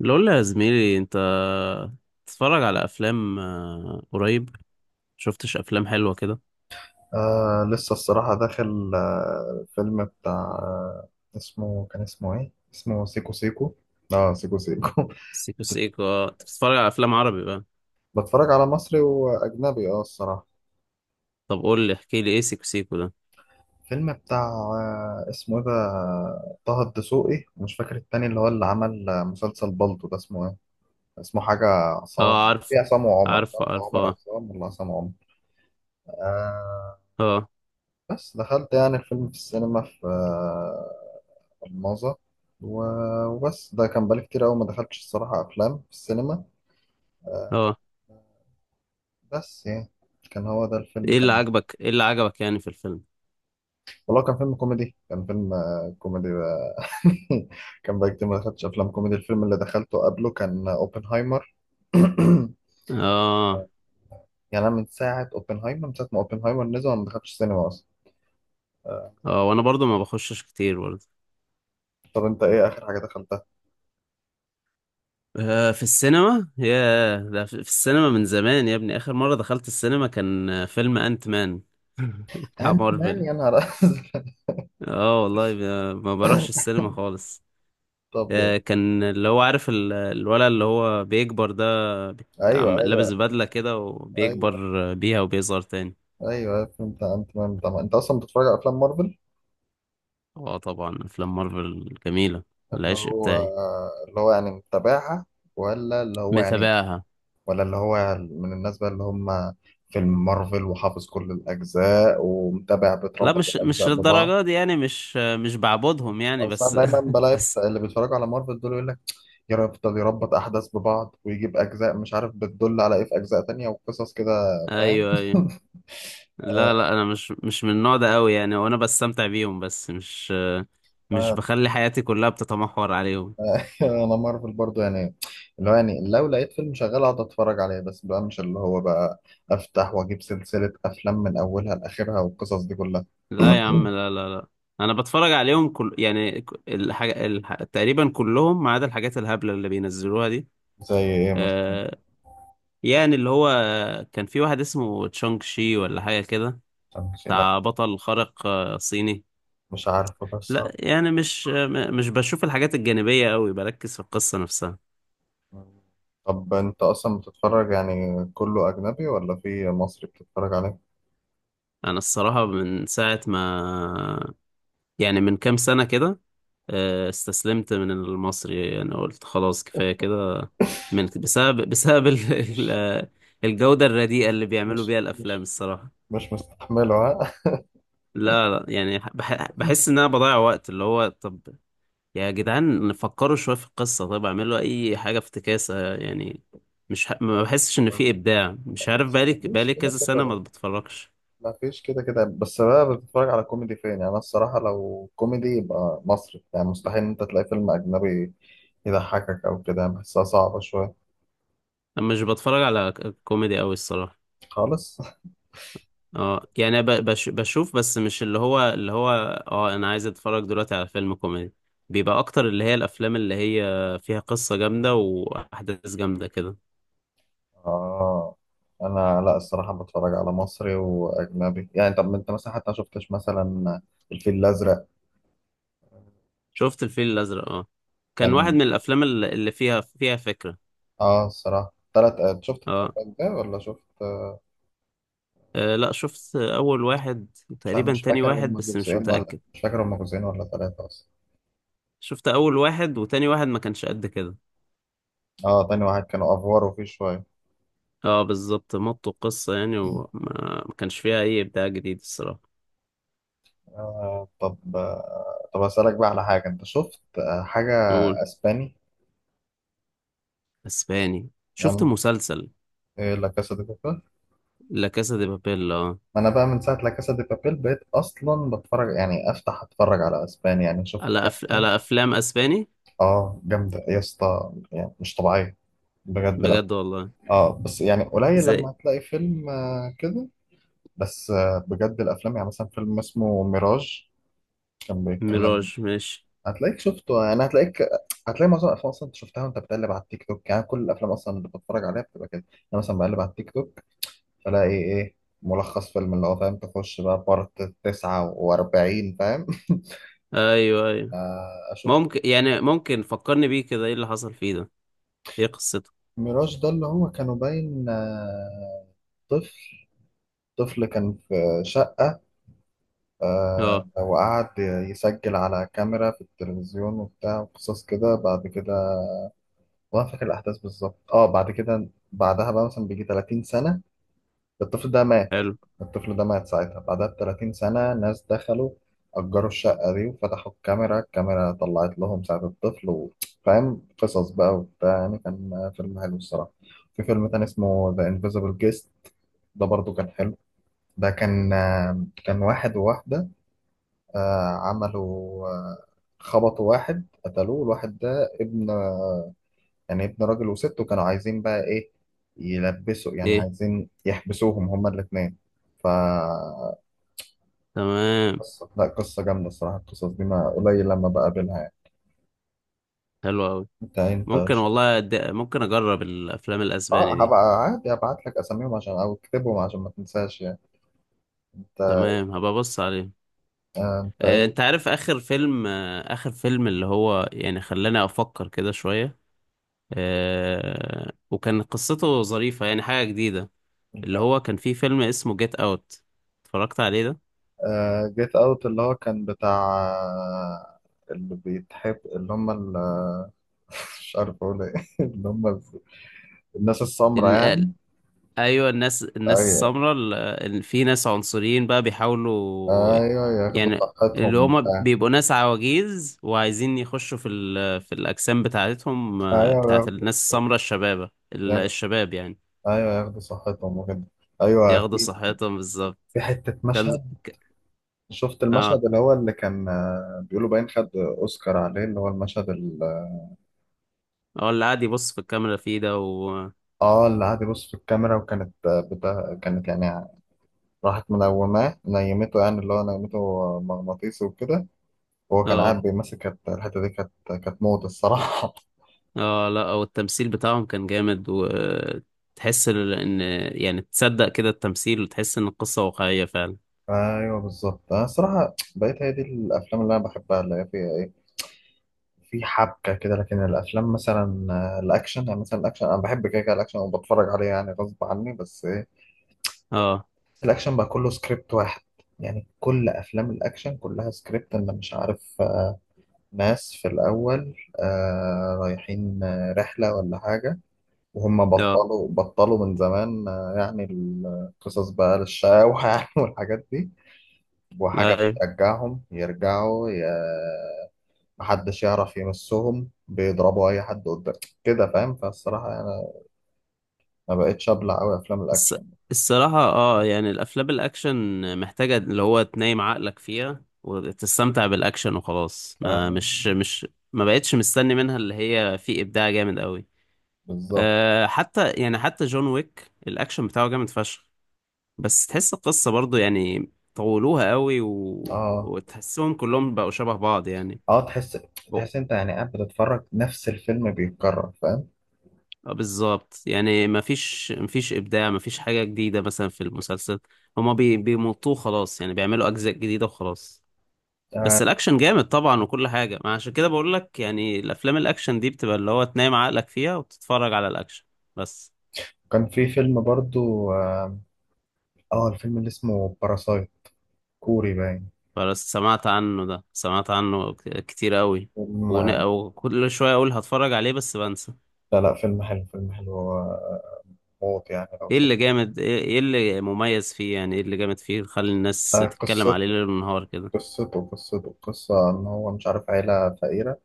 اللي اقول يا زميلي، انت تتفرج على افلام قريب؟ شفتش افلام حلوه كده؟ لسه الصراحة داخل فيلم بتاع اسمه، كان اسمه ايه؟ اسمه سيكو سيكو، اه سيكو سيكو. سيكو سيكو. اه، انت بتتفرج على افلام عربي بقى؟ بتفرج على مصري وأجنبي اه الصراحة. طب قول لي احكي لي ايه سيكو سيكو ده. فيلم بتاع اسمه ايه ده، طه الدسوقي ومش فاكر التاني اللي هو اللي عمل مسلسل بالطو ده اسمه ايه؟ اسمه حاجة، اه، عصام. في عارفه، عصام وعمر، مش عارفه، عارف عارفه، عمر اه، عصام ولا عصام عمر. آه. اه، بس دخلت يعني الفيلم في السينما في الماظة، وبس ده كان بقالي كتير أوي ما دخلتش الصراحة أفلام في السينما. اه. بس يعني كان هو ده الفيلم، كان ايه اللي عجبك يعني في الفيلم؟ والله كان فيلم كوميدي، كان فيلم كوميدي بقى. كان بقالي كتير ما دخلتش أفلام كوميدي، الفيلم اللي دخلته قبله كان أوبنهايمر. اه، يعني أنا من ساعة أوبنهايمر، من ساعة ما أوبنهايمر نزل وأنا ما دخلتش السينما أصلا. آه، اه. وانا برضو ما بخشش كتير برضو. طب أنت إيه آخر حاجة دخلتها؟ في السينما يا ده، في السينما من زمان يا ابني، اخر مره دخلت السينما كان فيلم انت مان. بتاع أنت مان، مارفل. يا نهار أزرق. اه والله، ما بروحش السينما خالص. طب. كان اللي هو عارف، الولد اللي هو بيكبر ده، بي- عم أيوه لابس أيوه. بدلة كده أيوه وبيكبر بيها وبيظهر تاني. أيوه، فيلم بتاع أنت مان. طبعا أنت أصلا بتتفرج على أفلام مارفل؟ اه طبعا، افلام مارفل جميلة. اللي العشق هو، بتاعي. اللي هو يعني متابعها، ولا اللي هو يعني، متابعها. ولا اللي هو من الناس بقى اللي هم فيلم مارفل وحافظ كل الأجزاء ومتابع لا، بتربط مش الأجزاء مش ببعض. للدرجة دي يعني، مش بعبدهم يعني، أصل أنا بس، دايما بلاقي بس. اللي بيتفرجوا على مارفل دول يقول لك يفضل يربط أحداث ببعض ويجيب أجزاء مش عارف بتدل على إيه في أجزاء تانية وقصص كده، فاهم؟ ايوه، ايوه. لا، لا، انا مش من النوع ده قوي يعني، وانا بستمتع بيهم، بس مش بخلي حياتي كلها بتتمحور عليهم. انا مارفل برضو يعني، اللي هو يعني لو لقيت فيلم شغال اقعد اتفرج عليه، بس بقى مش اللي هو بقى افتح واجيب سلسلة افلام من اولها لاخرها والقصص دي كلها. لا يا عم، لا، لا، لا. انا بتفرج عليهم كل يعني، الحاجة تقريبا كلهم، ما عدا الحاجات الهبلة اللي بينزلوها دي. زي ايه مثلا؟ آه... يعني اللي هو كان في واحد اسمه تشونغ شي ولا حاجة كده، لا، بتاع بطل خارق صيني. مش عارفه بس. لا يعني، مش آه، م- مش بشوف الحاجات الجانبية قوي، بركز في القصة نفسها. طب انت اصلا بتتفرج يعني كله اجنبي ولا في مصري بتتفرج عليه؟ انا الصراحة من ساعة ما، يعني من كام سنة كده، استسلمت من المصري يعني. قلت خلاص كفاية كده. بسبب ال- مش آه، الجودة الرديئة اللي بيعملوا مش، بيها الأفلام مش الصراحة. مش مستحمله ها. لا، لا، يعني بحس إن أنا بضيع وقت اللي هو، طب يا جدعان فكروا شوية في القصة، طب اعملوا أي حاجة، افتكاسة يعني. مش ح... ما بحسش إن في إبداع، مش عارف، مفيش، بقالي مفيش بقالي كده كذا سنة ما كده بتفرجش. ما فيش كده كده بس بقى بتتفرج على كوميدي فين؟ يعني انا الصراحه لو كوميدي يبقى مصري، يعني مستحيل ان انت تلاقي فيلم اجنبي يضحكك او كده، يعني بحسها صعبه شويه أنا مش بتفرج على كوميدي أوي الصراحة. خالص. اه يعني، أنا ب- بش بشوف، بس مش اللي هو. اه، انا عايز اتفرج دلوقتي على فيلم كوميدي، بيبقى اكتر اللي هي الافلام اللي هي فيها قصة جامدة واحداث جامدة كده. اه. انا لا الصراحه بتفرج على مصري واجنبي يعني. طب انت مثلا حتى ما شفتش مثلا الفيل الازرق؟ شفت الفيل الازرق، اه. كان واحد كان، من الافلام اللي فيها فكرة. اه الصراحه تلات، شفت التلات اه، اجزاء ولا شفت؟ لا، شفت اول واحد وتقريبا مش تاني فاكر واحد، هم بس مش جزئين، ولا متأكد. مش فاكر هم جزئين ولا ثلاثه اصلا. شفت اول واحد وتاني واحد، ما كانش قد كده. اه تاني واحد كانوا افوار وفيه شويه. اه بالظبط، مطوا القصة يعني، وما ما كانش فيها اي ابداع جديد الصراحة. آه طب، آه طب أسألك بقى على حاجة، أنت شفت آه حاجة نقول أسباني؟ اسباني. شفت عن مسلسل لا كاسا دي بابيل؟ لا كاسا دي بابيل، اه. ما أنا بقى من ساعة لا كاسا دي بابيل بقيت أصلا بتفرج يعني أفتح أتفرج على أسباني، يعني شفت كام فيلم. على افلام اسباني. آه جامدة يا اسطى، يعني مش طبيعية بجد، لا. بجد والله. آه بس يعني قليل لما زي هتلاقي فيلم آه كده، بس آه بجد الأفلام. يعني مثلا فيلم اسمه ميراج، كان بيتكلم. ميراج، ماشي. هتلاقيك شفته، يعني هتلاقيك، هتلاقي معظم الافلام اصلا انت شفتها وانت بتقلب على التيك توك. يعني كل الافلام اصلا اللي بتفرج عليها بتبقى كده، انا مثلا بقلب على التيك توك فلاقي ايه، ملخص فيلم، اللي هو فاهم، تخش بقى بارت 49، فاهم؟ ايوه، ايوه. آه، اشوف. ممكن فكرني بيه كده، ايه اللي حصل فيه ده؟ ايه قصته؟ ميراج ده اللي هو كانوا باين طفل، كان في شقة، اه، وقعد يسجل على كاميرا في التلفزيون وبتاع وقصص كده. بعد كده، وانا فاكر الاحداث بالظبط، اه بعد كده بعدها بقى مثلا بيجي 30 سنة، الطفل ده مات. حلو، الطفل ده مات ساعتها، بعدها بتلاتين سنة ناس دخلوا أجروا الشقة دي وفتحوا الكاميرا، الكاميرا طلعت لهم ساعة الطفل فاهم قصص بقى وبتاع، يعني كان فيلم حلو الصراحة. في فيلم تاني اسمه The Invisible Guest، ده برضو كان حلو. ده كان، كان واحد وواحدة، عملوا، خبطوا واحد قتلوه، الواحد ده ابن يعني ابن راجل وست، وكانوا عايزين بقى ايه، يلبسوا، يعني ايه، عايزين يحبسوهم هما الاتنين. ف تمام، قصة، لا قصة جامدة الصراحة، القصص دي ما قليل لما بقابلها يعني. حلو قوي. انت انت ممكن والله، أد... ممكن اجرب الافلام اه الاسباني دي. هبقى عادي هبعت لك اساميهم عشان، او اكتبهم عشان ما تنساش يعني. انت تمام هبقى ابص عليه. آه، انت ايه؟ انت عارف اخر فيلم، اللي هو يعني خلاني افكر كده شوية، وكان قصته ظريفة يعني، حاجة جديدة. الم- اللي هو كان فيه فيلم اسمه جيت اوت، اتفرجت عليه ده؟ آه جيت اوت، اللي هو كان بتاع اللي بيتحب، اللي هم مش عارف اقول ايه. اللي هم الناس السمرا إن... آه، يعني. ايوه، الناس ايوه السمراء، إن في ناس عنصريين بقى بيحاولوا. ايوه، ياخدوا يعني اللي صحتهم هما وبتاع. بيبقوا ناس عواجيز وعايزين يخشوا في الاجسام بتاعتهم، ايوه بتاعت ياخدوا، الناس السمراء الشبابه، ال- ياخدوا- الشباب يعني. ايوه ياخدوا صحتهم وكده. ايوه، ياخدوا في صحتهم بالظبط. في حتة كان مشهد، ك- شفت اه، المشهد اللي هو اللي كان بيقولوا باين خد اوسكار عليه، اللي هو المشهد. هو اللي قاعد يبص في الكاميرا فيه ده، اه اللي قعد يبص في الكاميرا، وكانت بتا... كانت يعني راحت منوماه، نيمته يعني، اللي هو نيمته مغناطيسي وكده، وهو كان اه، قاعد بيمسك. الحته دي كانت، كانت موت الصراحه. اه، لا، هو التمثيل بتاعهم كان جامد، وتحس ان يعني، تصدق كده التمثيل، وتحس ان القصة واقعية فعلا. ايوه بالظبط، انا الصراحه بقيت هي دي الافلام اللي انا بحبها، اللي هي فيها ايه، في حبكه كده. لكن الافلام مثلا الاكشن، يعني مثلا الاكشن انا بحب كده كده الاكشن وبتفرج عليه يعني غصب عني، بس إيه، اه، الأكشن بقى كله سكريبت واحد. يعني كل أفلام الأكشن كلها سكريبت، أنا مش عارف، ناس في الأول رايحين رحلة ولا حاجة، وهم اه، بطلوا من زمان، يعني القصص بقى للشقاوة يعني، والحاجات دي وحاجة أيوة. بترجعهم يرجعوا محدش يعرف يمسهم، بيضربوا أي حد قدام كده، فاهم؟ فالصراحة أنا ما بقتش أبلع أوي أفلام الص- الأكشن. الصراحة اه يعني، الافلام الاكشن محتاجة اللي هو تنايم عقلك فيها وتستمتع بالاكشن وخلاص، ما آه، مش مش ما بقتش مستني منها اللي هي في ابداع جامد قوي. بالظبط. حتى جون ويك الاكشن بتاعه جامد فشخ، بس تحس القصة برضو يعني طولوها قوي، و... اه وتحسهم كلهم بقوا شبه بعض يعني. اه، تحس، هو- انت يعني قاعد بتتفرج نفس الفيلم بيتكرر، فاهم؟ اه، بالظبط يعني. مفيش إبداع، مفيش حاجة جديدة. مثلا في المسلسل، هما بيمطوه خلاص يعني، بيعملوا أجزاء جديدة وخلاص. بس آه. الأكشن جامد طبعا وكل حاجة، ما عشان كده بقول لك يعني الأفلام الأكشن دي بتبقى اللي هو تنام عقلك فيها وتتفرج على الأكشن بس كان في فيلم برضو اه، الفيلم اللي اسمه باراسايت، كوري باين. بس سمعت عنه، ده سمعت عنه كتير قوي. فيلم، وكل شوية أقول هتفرج عليه بس بنسى. لا لا، فيلم حلو، فيلم حلو موت يعني لو ايه شفت. اللي جامد ايه إيه اللي مميز فيه يعني، ايه اللي جامد فيه خلي الناس آه تتكلم عليه قصته، ليل ونهار كده؟ قصته قصة ان هو مش عارف، عيلة فقيرة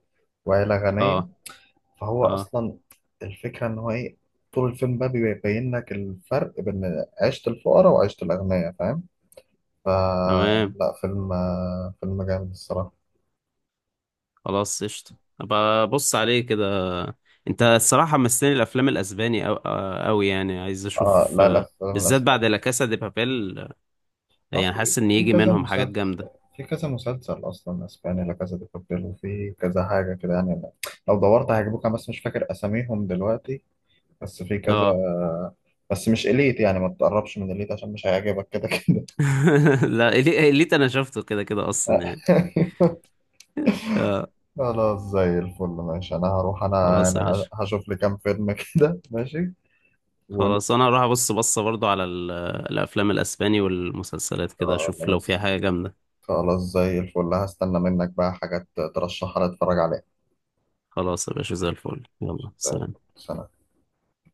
وعيلة غنية، اه، فهو اه. اصلا الفكرة ان هو ايه، طول الفيلم بقى بيبين لك الفرق بين عيشة الفقراء وعيشة الأغنياء، فاهم؟ تمام، فلا فيلم فيلم جامد الصراحة. خلاص قشطة. ابقى بص عليه كده. انت الصراحة مستني الافلام الاسباني او آه، اوي يعني، عايز اه اشوف لا لا، فيلم بالذات بعد الاسباني لا كاسا دي بابيل، اه، يعني في حاسس ان في يجي كذا منهم حاجات مسلسل، جامدة. في كذا مسلسل اصلا اسباني لا كذا دي بابيل، وفي كذا حاجه كده يعني. أنا لو دورت هيعجبوك، انا بس مش فاكر اساميهم دلوقتي، بس في كذا. اه. بس مش اليت، يعني ما تقربش من اليت عشان مش هيعجبك كده كده. لا، إليت انا شفته كده كده اصلا يعني. اه. خلاص زي الفل، ماشي انا هروح، انا خلاص يعني يا باشا. هشوف لي كام فيلم كده، ماشي. ون... خلاص انا هروح ابص بصه برضو على الافلام الاسباني والمسلسلات كده، اشوف لو فيها خلاص، حاجه جامده. خلاص زي الفل، هستنى منك بقى حاجات ترشحها لي اتفرج عليها. خلاص يا باشا، زي الفل، يلا زي الفل. سلام. سلام.